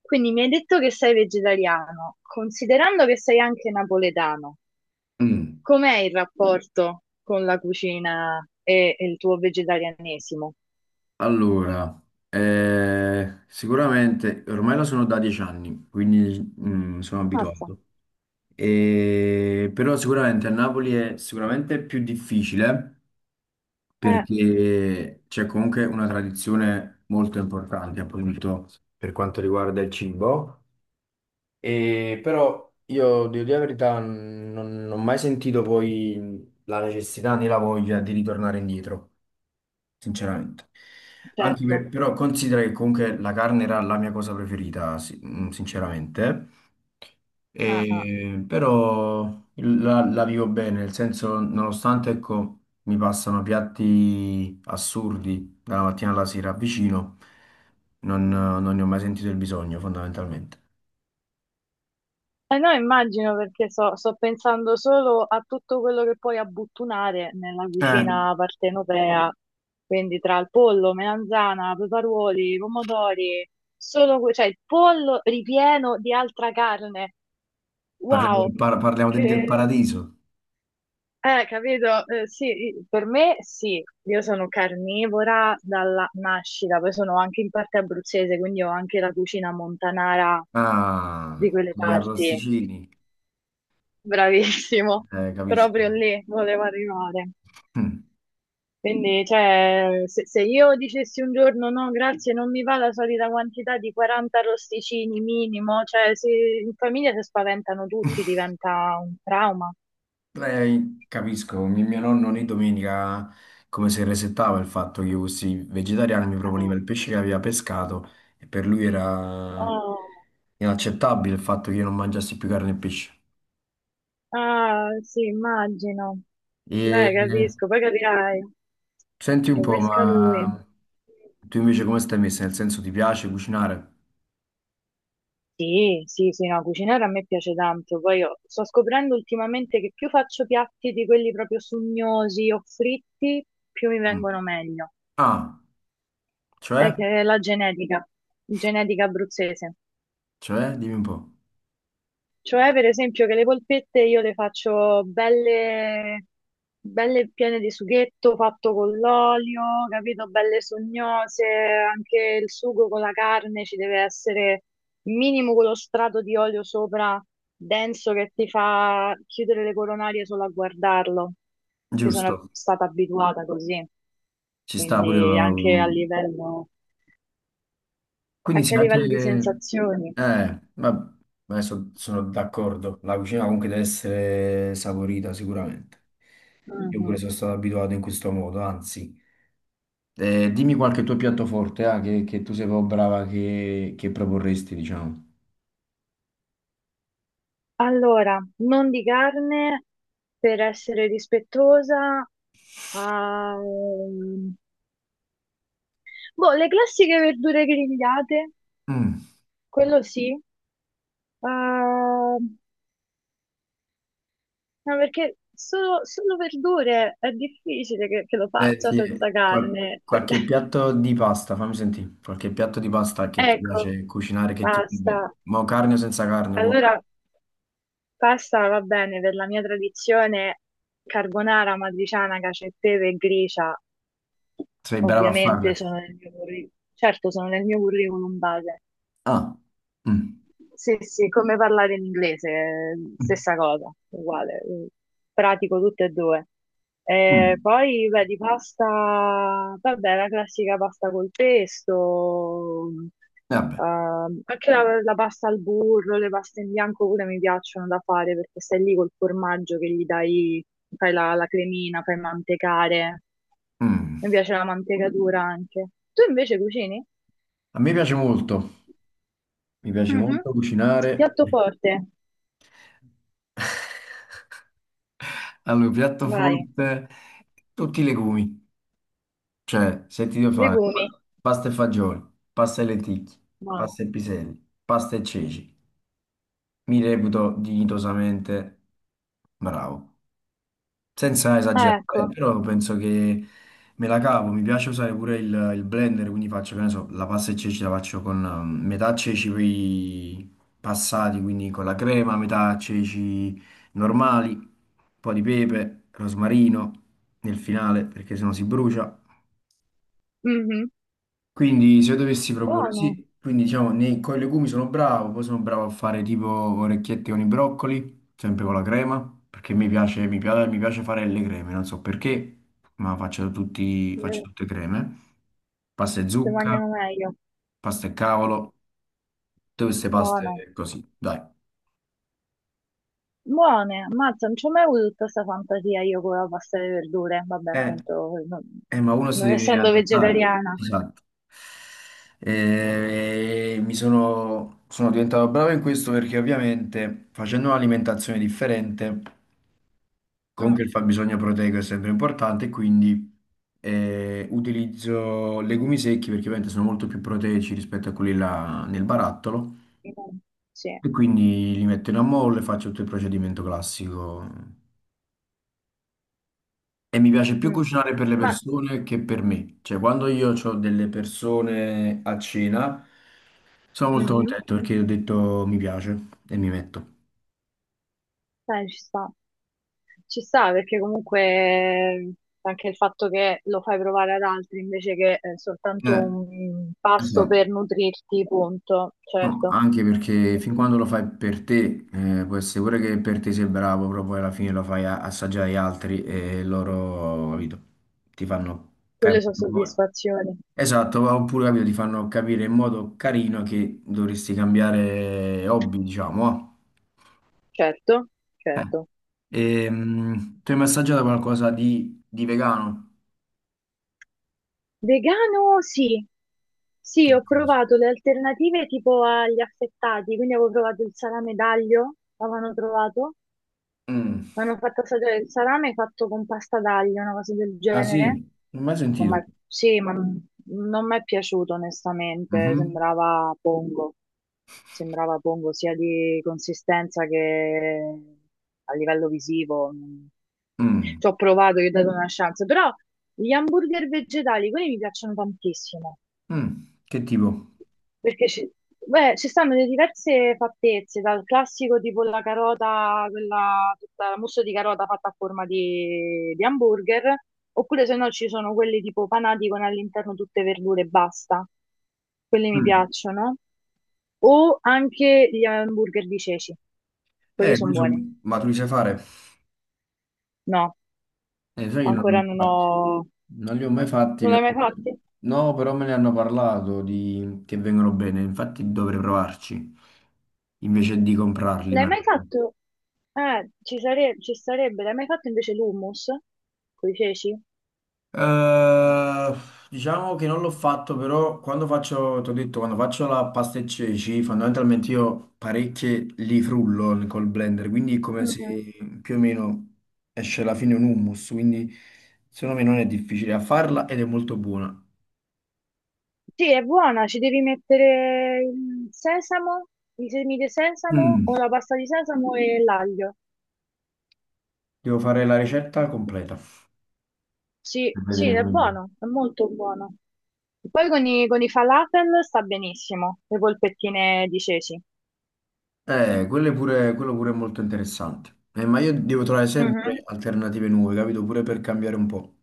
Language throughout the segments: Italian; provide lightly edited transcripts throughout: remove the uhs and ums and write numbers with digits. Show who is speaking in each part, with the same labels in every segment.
Speaker 1: Quindi mi hai detto che sei vegetariano, considerando che sei anche napoletano,
Speaker 2: Mm,
Speaker 1: com'è il rapporto con la cucina e il tuo vegetarianesimo?
Speaker 2: Allora, sicuramente ormai lo sono da 10 anni, quindi sono
Speaker 1: Mazza.
Speaker 2: abituato. Però sicuramente a Napoli è sicuramente più difficile
Speaker 1: Eh,
Speaker 2: perché c'è comunque una tradizione molto importante, appunto, per quanto riguarda il cibo. E però io, devo dire la verità, non ho mai sentito poi la necessità né la voglia di ritornare indietro, sinceramente.
Speaker 1: certo.
Speaker 2: Però considera che comunque la carne era la mia cosa preferita, sinceramente.
Speaker 1: Ah, ah,
Speaker 2: Però la vivo bene, nel senso, nonostante ecco, mi passano piatti assurdi dalla mattina alla sera vicino. Non ne ho mai sentito il bisogno, fondamentalmente.
Speaker 1: eh no, immagino perché sto pensando solo a tutto quello che puoi abbottunare nella
Speaker 2: Eh,
Speaker 1: cucina partenopea, quindi tra il pollo, melanzana, peperuoli, pomodori, cioè il pollo ripieno di altra carne.
Speaker 2: parliamo del,
Speaker 1: Wow,
Speaker 2: par- parliamo del- del
Speaker 1: che...
Speaker 2: paradiso.
Speaker 1: eh, capito? Sì, per me sì, io sono carnivora dalla nascita, poi sono anche in parte abruzzese, quindi ho anche la cucina montanara di
Speaker 2: Ah,
Speaker 1: quelle
Speaker 2: gli
Speaker 1: parti.
Speaker 2: arrosticini,
Speaker 1: Bravissimo, proprio
Speaker 2: capisco.
Speaker 1: lì volevo arrivare.
Speaker 2: Mm.
Speaker 1: Quindi, cioè, se io dicessi un giorno no, grazie, non mi va la solita quantità di 40 rosticini minimo, cioè, in famiglia si spaventano tutti, diventa un trauma.
Speaker 2: Capisco, mio nonno ogni domenica come se resettava il fatto che io fossi vegetariano, mi proponeva
Speaker 1: Ah,
Speaker 2: il pesce che aveva pescato, e per lui era
Speaker 1: oh,
Speaker 2: inaccettabile il fatto che io non mangiassi più carne e pesce.
Speaker 1: ah, sì, immagino.
Speaker 2: E
Speaker 1: Beh, capisco, poi capirai,
Speaker 2: senti un
Speaker 1: lo
Speaker 2: po',
Speaker 1: pesca lui.
Speaker 2: ma tu invece come stai messa? Nel senso, ti piace cucinare?
Speaker 1: Sì, sì, sì, no, cucinare a me piace tanto. Poi io sto scoprendo ultimamente che più faccio piatti di quelli proprio sugnosi o fritti, più mi
Speaker 2: Mm.
Speaker 1: vengono meglio.
Speaker 2: Ah,
Speaker 1: È
Speaker 2: cioè?
Speaker 1: che è la genetica, genetica abruzzese.
Speaker 2: Cioè? Dimmi un po'.
Speaker 1: Cioè, per esempio, che le polpette io le faccio belle, belle piene di sughetto fatto con l'olio, capito? Belle sognose, anche il sugo con la carne ci deve essere minimo quello strato di olio sopra, denso, che ti fa chiudere le coronarie solo a guardarlo, che sono
Speaker 2: Giusto,
Speaker 1: stata abituata così,
Speaker 2: ci sta pure
Speaker 1: quindi
Speaker 2: mm, Quindi
Speaker 1: anche
Speaker 2: se
Speaker 1: a livello di
Speaker 2: anche...
Speaker 1: sensazioni.
Speaker 2: Ma adesso sono d'accordo, la cucina comunque deve essere saporita sicuramente. Io pure
Speaker 1: Mhm.
Speaker 2: sono stato abituato in questo modo, anzi. Dimmi qualche tuo piatto forte, ah, che tu sei proprio brava, che proporresti, diciamo.
Speaker 1: Allora, non di carne per essere rispettosa. ehm, boh, le classiche verdure grigliate,
Speaker 2: Mm,
Speaker 1: quello sì. ehm, ma perché solo verdure è difficile che lo
Speaker 2: eh,
Speaker 1: faccia
Speaker 2: sì,
Speaker 1: senza carne.
Speaker 2: qualche piatto di pasta, fammi sentire, qualche piatto di pasta che ti
Speaker 1: Ecco,
Speaker 2: piace cucinare, che ti va bene.
Speaker 1: basta.
Speaker 2: Ma carne o senza carne, qua.
Speaker 1: Allora, pasta va bene per la mia tradizione carbonara, matriciana, cacio e pepe e gricia.
Speaker 2: Sei brava a farle.
Speaker 1: Ovviamente sono nel mio curriculum, certo sono nel mio curriculum base,
Speaker 2: Ah, mm.
Speaker 1: sì, sì, come parlare in inglese,
Speaker 2: Mm.
Speaker 1: stessa cosa, uguale, pratico tutte e due.
Speaker 2: Mm.
Speaker 1: Poi, beh, di pasta, vabbè, la classica pasta col pesto,
Speaker 2: Vabbè.
Speaker 1: anche la pasta al burro, le paste in bianco pure mi piacciono da fare perché stai lì col formaggio che gli dai, fai la cremina, fai mantecare, mi
Speaker 2: Mm.
Speaker 1: piace la mantecatura anche. Tu invece cucini?
Speaker 2: A me piace molto, mi piace
Speaker 1: Mhm.
Speaker 2: molto cucinare.
Speaker 1: Piatto forte,
Speaker 2: Allora, piatto
Speaker 1: vai.
Speaker 2: forte, tutti i legumi. Cioè, se ti devo fare
Speaker 1: Legumi.
Speaker 2: pasta e fagioli, pasta e lenticchie,
Speaker 1: Buono.
Speaker 2: pasta e piselli, pasta e ceci, mi reputo dignitosamente bravo, senza
Speaker 1: Ah,
Speaker 2: esagerare. Beh,
Speaker 1: ecco.
Speaker 2: però penso che me la cavo. Mi piace usare pure il blender, quindi faccio, che ne so, la pasta e ceci la faccio con metà ceci poi passati, quindi con la crema, metà ceci normali, un po' di pepe, rosmarino nel finale, perché sennò si brucia.
Speaker 1: Mhm.
Speaker 2: Quindi se io dovessi proporre,
Speaker 1: Buono.
Speaker 2: sì, quindi diciamo nei, con i legumi sono bravo, poi sono bravo a fare tipo orecchiette con i broccoli, sempre con la crema, perché mi piace fare le creme, non so perché, ma faccio
Speaker 1: Eh,
Speaker 2: tutte creme, pasta e
Speaker 1: Si
Speaker 2: zucca,
Speaker 1: mangiano meglio.
Speaker 2: pasta e cavolo, tutte queste
Speaker 1: Buono.
Speaker 2: paste così, dai.
Speaker 1: Buone, ammazza, non ci ho mai avuto tutta questa fantasia io con la pasta alle verdure. Vabbè,
Speaker 2: Eh,
Speaker 1: appunto, non,
Speaker 2: ma uno si
Speaker 1: non
Speaker 2: deve
Speaker 1: essendo
Speaker 2: adattare,
Speaker 1: vegetariana.
Speaker 2: esatto. Mi sono diventato bravo in questo perché ovviamente facendo un'alimentazione differente, comunque
Speaker 1: Mm,
Speaker 2: il fabbisogno proteico è sempre importante, e quindi utilizzo legumi secchi perché ovviamente sono molto più proteici rispetto a quelli là nel barattolo,
Speaker 1: mm, sì.
Speaker 2: e quindi li metto in ammollo e faccio tutto il procedimento classico. E mi piace più
Speaker 1: Mm.
Speaker 2: cucinare per le
Speaker 1: Ma,
Speaker 2: persone che per me. Cioè, quando io ho delle persone a cena, sono molto
Speaker 1: mhm,
Speaker 2: contento perché ho detto mi piace e mi metto.
Speaker 1: dai, ci sta. Ci sta perché comunque anche il fatto che lo fai provare ad altri invece che soltanto
Speaker 2: Eh,
Speaker 1: un pasto
Speaker 2: esatto.
Speaker 1: per nutrirti, punto.
Speaker 2: No,
Speaker 1: Certo.
Speaker 2: anche perché fin quando lo fai per te, può essere pure che per te sei bravo, però poi alla fine lo fai assaggiare agli altri e loro, capito, ti fanno
Speaker 1: Quelle
Speaker 2: capire.
Speaker 1: sono soddisfazioni.
Speaker 2: Esatto, oppure capito, ti fanno capire in modo carino che dovresti cambiare hobby, diciamo.
Speaker 1: Certo,
Speaker 2: eh.
Speaker 1: certo.
Speaker 2: Tu hai mai assaggiato qualcosa di vegano?
Speaker 1: Vegano, sì. Sì,
Speaker 2: Che
Speaker 1: ho
Speaker 2: cosa?
Speaker 1: provato le alternative tipo agli affettati, quindi avevo provato il salame d'aglio, l'avevano trovato,
Speaker 2: Mm.
Speaker 1: mi hanno fatto assaggiare il salame fatto con pasta d'aglio, una cosa del
Speaker 2: Ah, sì?
Speaker 1: genere.
Speaker 2: Non ho mai
Speaker 1: Non mi
Speaker 2: sentito.
Speaker 1: è- sì, ma non mi è piaciuto onestamente,
Speaker 2: Mhm.
Speaker 1: sembrava pongo sia di consistenza che a livello visivo.
Speaker 2: Mm.
Speaker 1: Ci ho provato, gli ho dato una chance, però gli hamburger vegetali, quelli mi piacciono tantissimo,
Speaker 2: Mm. Che tipo?
Speaker 1: perché beh, ci stanno le diverse fattezze, dal classico tipo la carota, quella, tutta la mousse di carota fatta a forma di hamburger, oppure se no ci sono quelli tipo panati con all'interno tutte verdure e basta, quelli mi
Speaker 2: Mm.
Speaker 1: piacciono, o anche gli hamburger di ceci, quelli
Speaker 2: Eh,
Speaker 1: sono
Speaker 2: questo,
Speaker 1: buoni.
Speaker 2: ma tu li sai fare?
Speaker 1: No,
Speaker 2: Sai che non li ho
Speaker 1: ancora
Speaker 2: mai
Speaker 1: non
Speaker 2: fatti.
Speaker 1: ho...
Speaker 2: Non li ho mai fatti,
Speaker 1: Non l'hai
Speaker 2: però...
Speaker 1: mai fatti?
Speaker 2: No, però me ne hanno parlato di... che vengono bene, infatti dovrei provarci, invece di comprarli.
Speaker 1: L'hai
Speaker 2: Ma-
Speaker 1: mai fatto? Ci sarebbe, l'hai mai fatto invece l'hummus con i ceci?
Speaker 2: Eh, diciamo che non l'ho fatto, però quando faccio, ti ho detto, quando faccio la pasta e ceci, fondamentalmente io parecchie li frullo col blender, quindi è come se
Speaker 1: Mhm.
Speaker 2: più o meno esce alla fine un hummus. Quindi secondo me non è difficile a farla ed è molto buona.
Speaker 1: Sì, è buona, ci devi mettere il sesamo, i semi di sesamo o
Speaker 2: Mm.
Speaker 1: la pasta di sesamo e l'aglio.
Speaker 2: Devo fare la ricetta completa,
Speaker 1: Sì,
Speaker 2: per
Speaker 1: sì,
Speaker 2: vedere
Speaker 1: è
Speaker 2: come viene.
Speaker 1: buono, è molto buono. Poi con con i falafel sta benissimo, le polpettine di ceci.
Speaker 2: Quello è pure, quello pure è molto interessante. Ma io devo trovare sempre
Speaker 1: Mhm.
Speaker 2: alternative nuove, capito? Pure per cambiare un po'.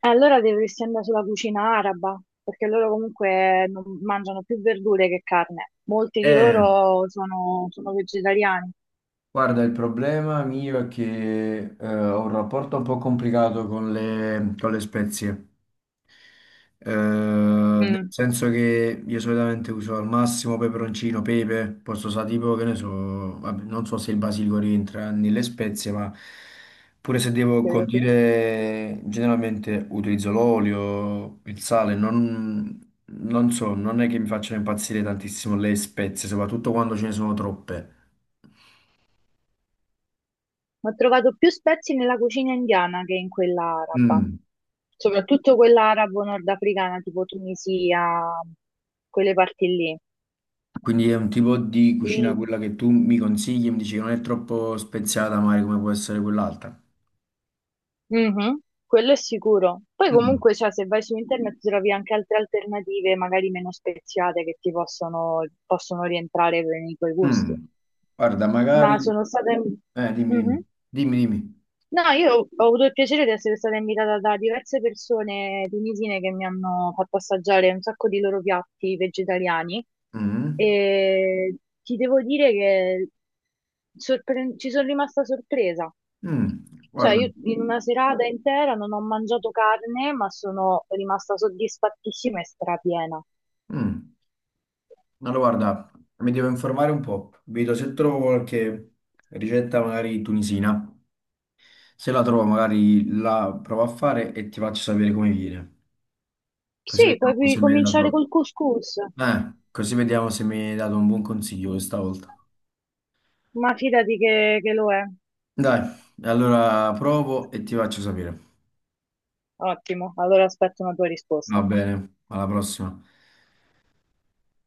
Speaker 1: E allora dovresti andare sulla cucina araba, perché loro comunque mangiano più verdure che carne. Molti di
Speaker 2: Eh,
Speaker 1: loro sono vegetariani.
Speaker 2: Guarda il problema mio è che ho un rapporto un po' complicato con con le spezie. Nel
Speaker 1: Mm,
Speaker 2: senso che io solitamente uso al massimo peperoncino, pepe, posso usare tipo che ne so, vabbè, non so se il basilico rientra nelle spezie, ma pure se devo
Speaker 1: teoria sì. Ho
Speaker 2: condire, generalmente utilizzo l'olio, il sale, non so, non è che mi facciano impazzire tantissimo le spezie, soprattutto quando ce ne sono troppe.
Speaker 1: trovato più spezie nella cucina indiana che in quella araba,
Speaker 2: Mm.
Speaker 1: soprattutto quella arabo-nordafricana, tipo Tunisia, quelle parti
Speaker 2: Quindi è un tipo di cucina
Speaker 1: lì.
Speaker 2: quella che tu mi consigli, mi dici che non è troppo speziata, magari come può essere quell'altra.
Speaker 1: Mhm, quello è sicuro. Poi
Speaker 2: Mm,
Speaker 1: comunque, cioè, se vai su internet trovi anche altre alternative, magari meno speziate, che ti possono, possono rientrare nei tuoi gusti.
Speaker 2: mm. Guarda,
Speaker 1: Ma
Speaker 2: magari...
Speaker 1: sono stata...
Speaker 2: Dimmi,
Speaker 1: Mhm.
Speaker 2: dimmi, dimmi. Dimmi.
Speaker 1: No, io ho avuto il piacere di essere stata invitata da diverse persone tunisine che mi hanno fatto assaggiare un sacco di loro piatti vegetariani
Speaker 2: Mm,
Speaker 1: e ti devo dire che ci sono rimasta sorpresa.
Speaker 2: mm.
Speaker 1: Cioè,
Speaker 2: Guarda.
Speaker 1: io in una serata intera non ho mangiato carne, ma sono rimasta soddisfattissima e strapiena.
Speaker 2: Mm. Allora, guarda, mi devo informare un po'. Vedo se trovo qualche ricetta magari tunisina. Se la trovo, magari la provo a fare e ti faccio sapere come viene. Così
Speaker 1: Sì,
Speaker 2: vediamo se mi hai
Speaker 1: cominciare
Speaker 2: dato...
Speaker 1: col couscous,
Speaker 2: Così vediamo se mi hai dato un buon consiglio questa volta.
Speaker 1: ma fidati che lo è.
Speaker 2: Dai, allora provo e ti faccio sapere.
Speaker 1: Ottimo, allora aspetto una tua
Speaker 2: Va
Speaker 1: risposta.
Speaker 2: bene, alla prossima.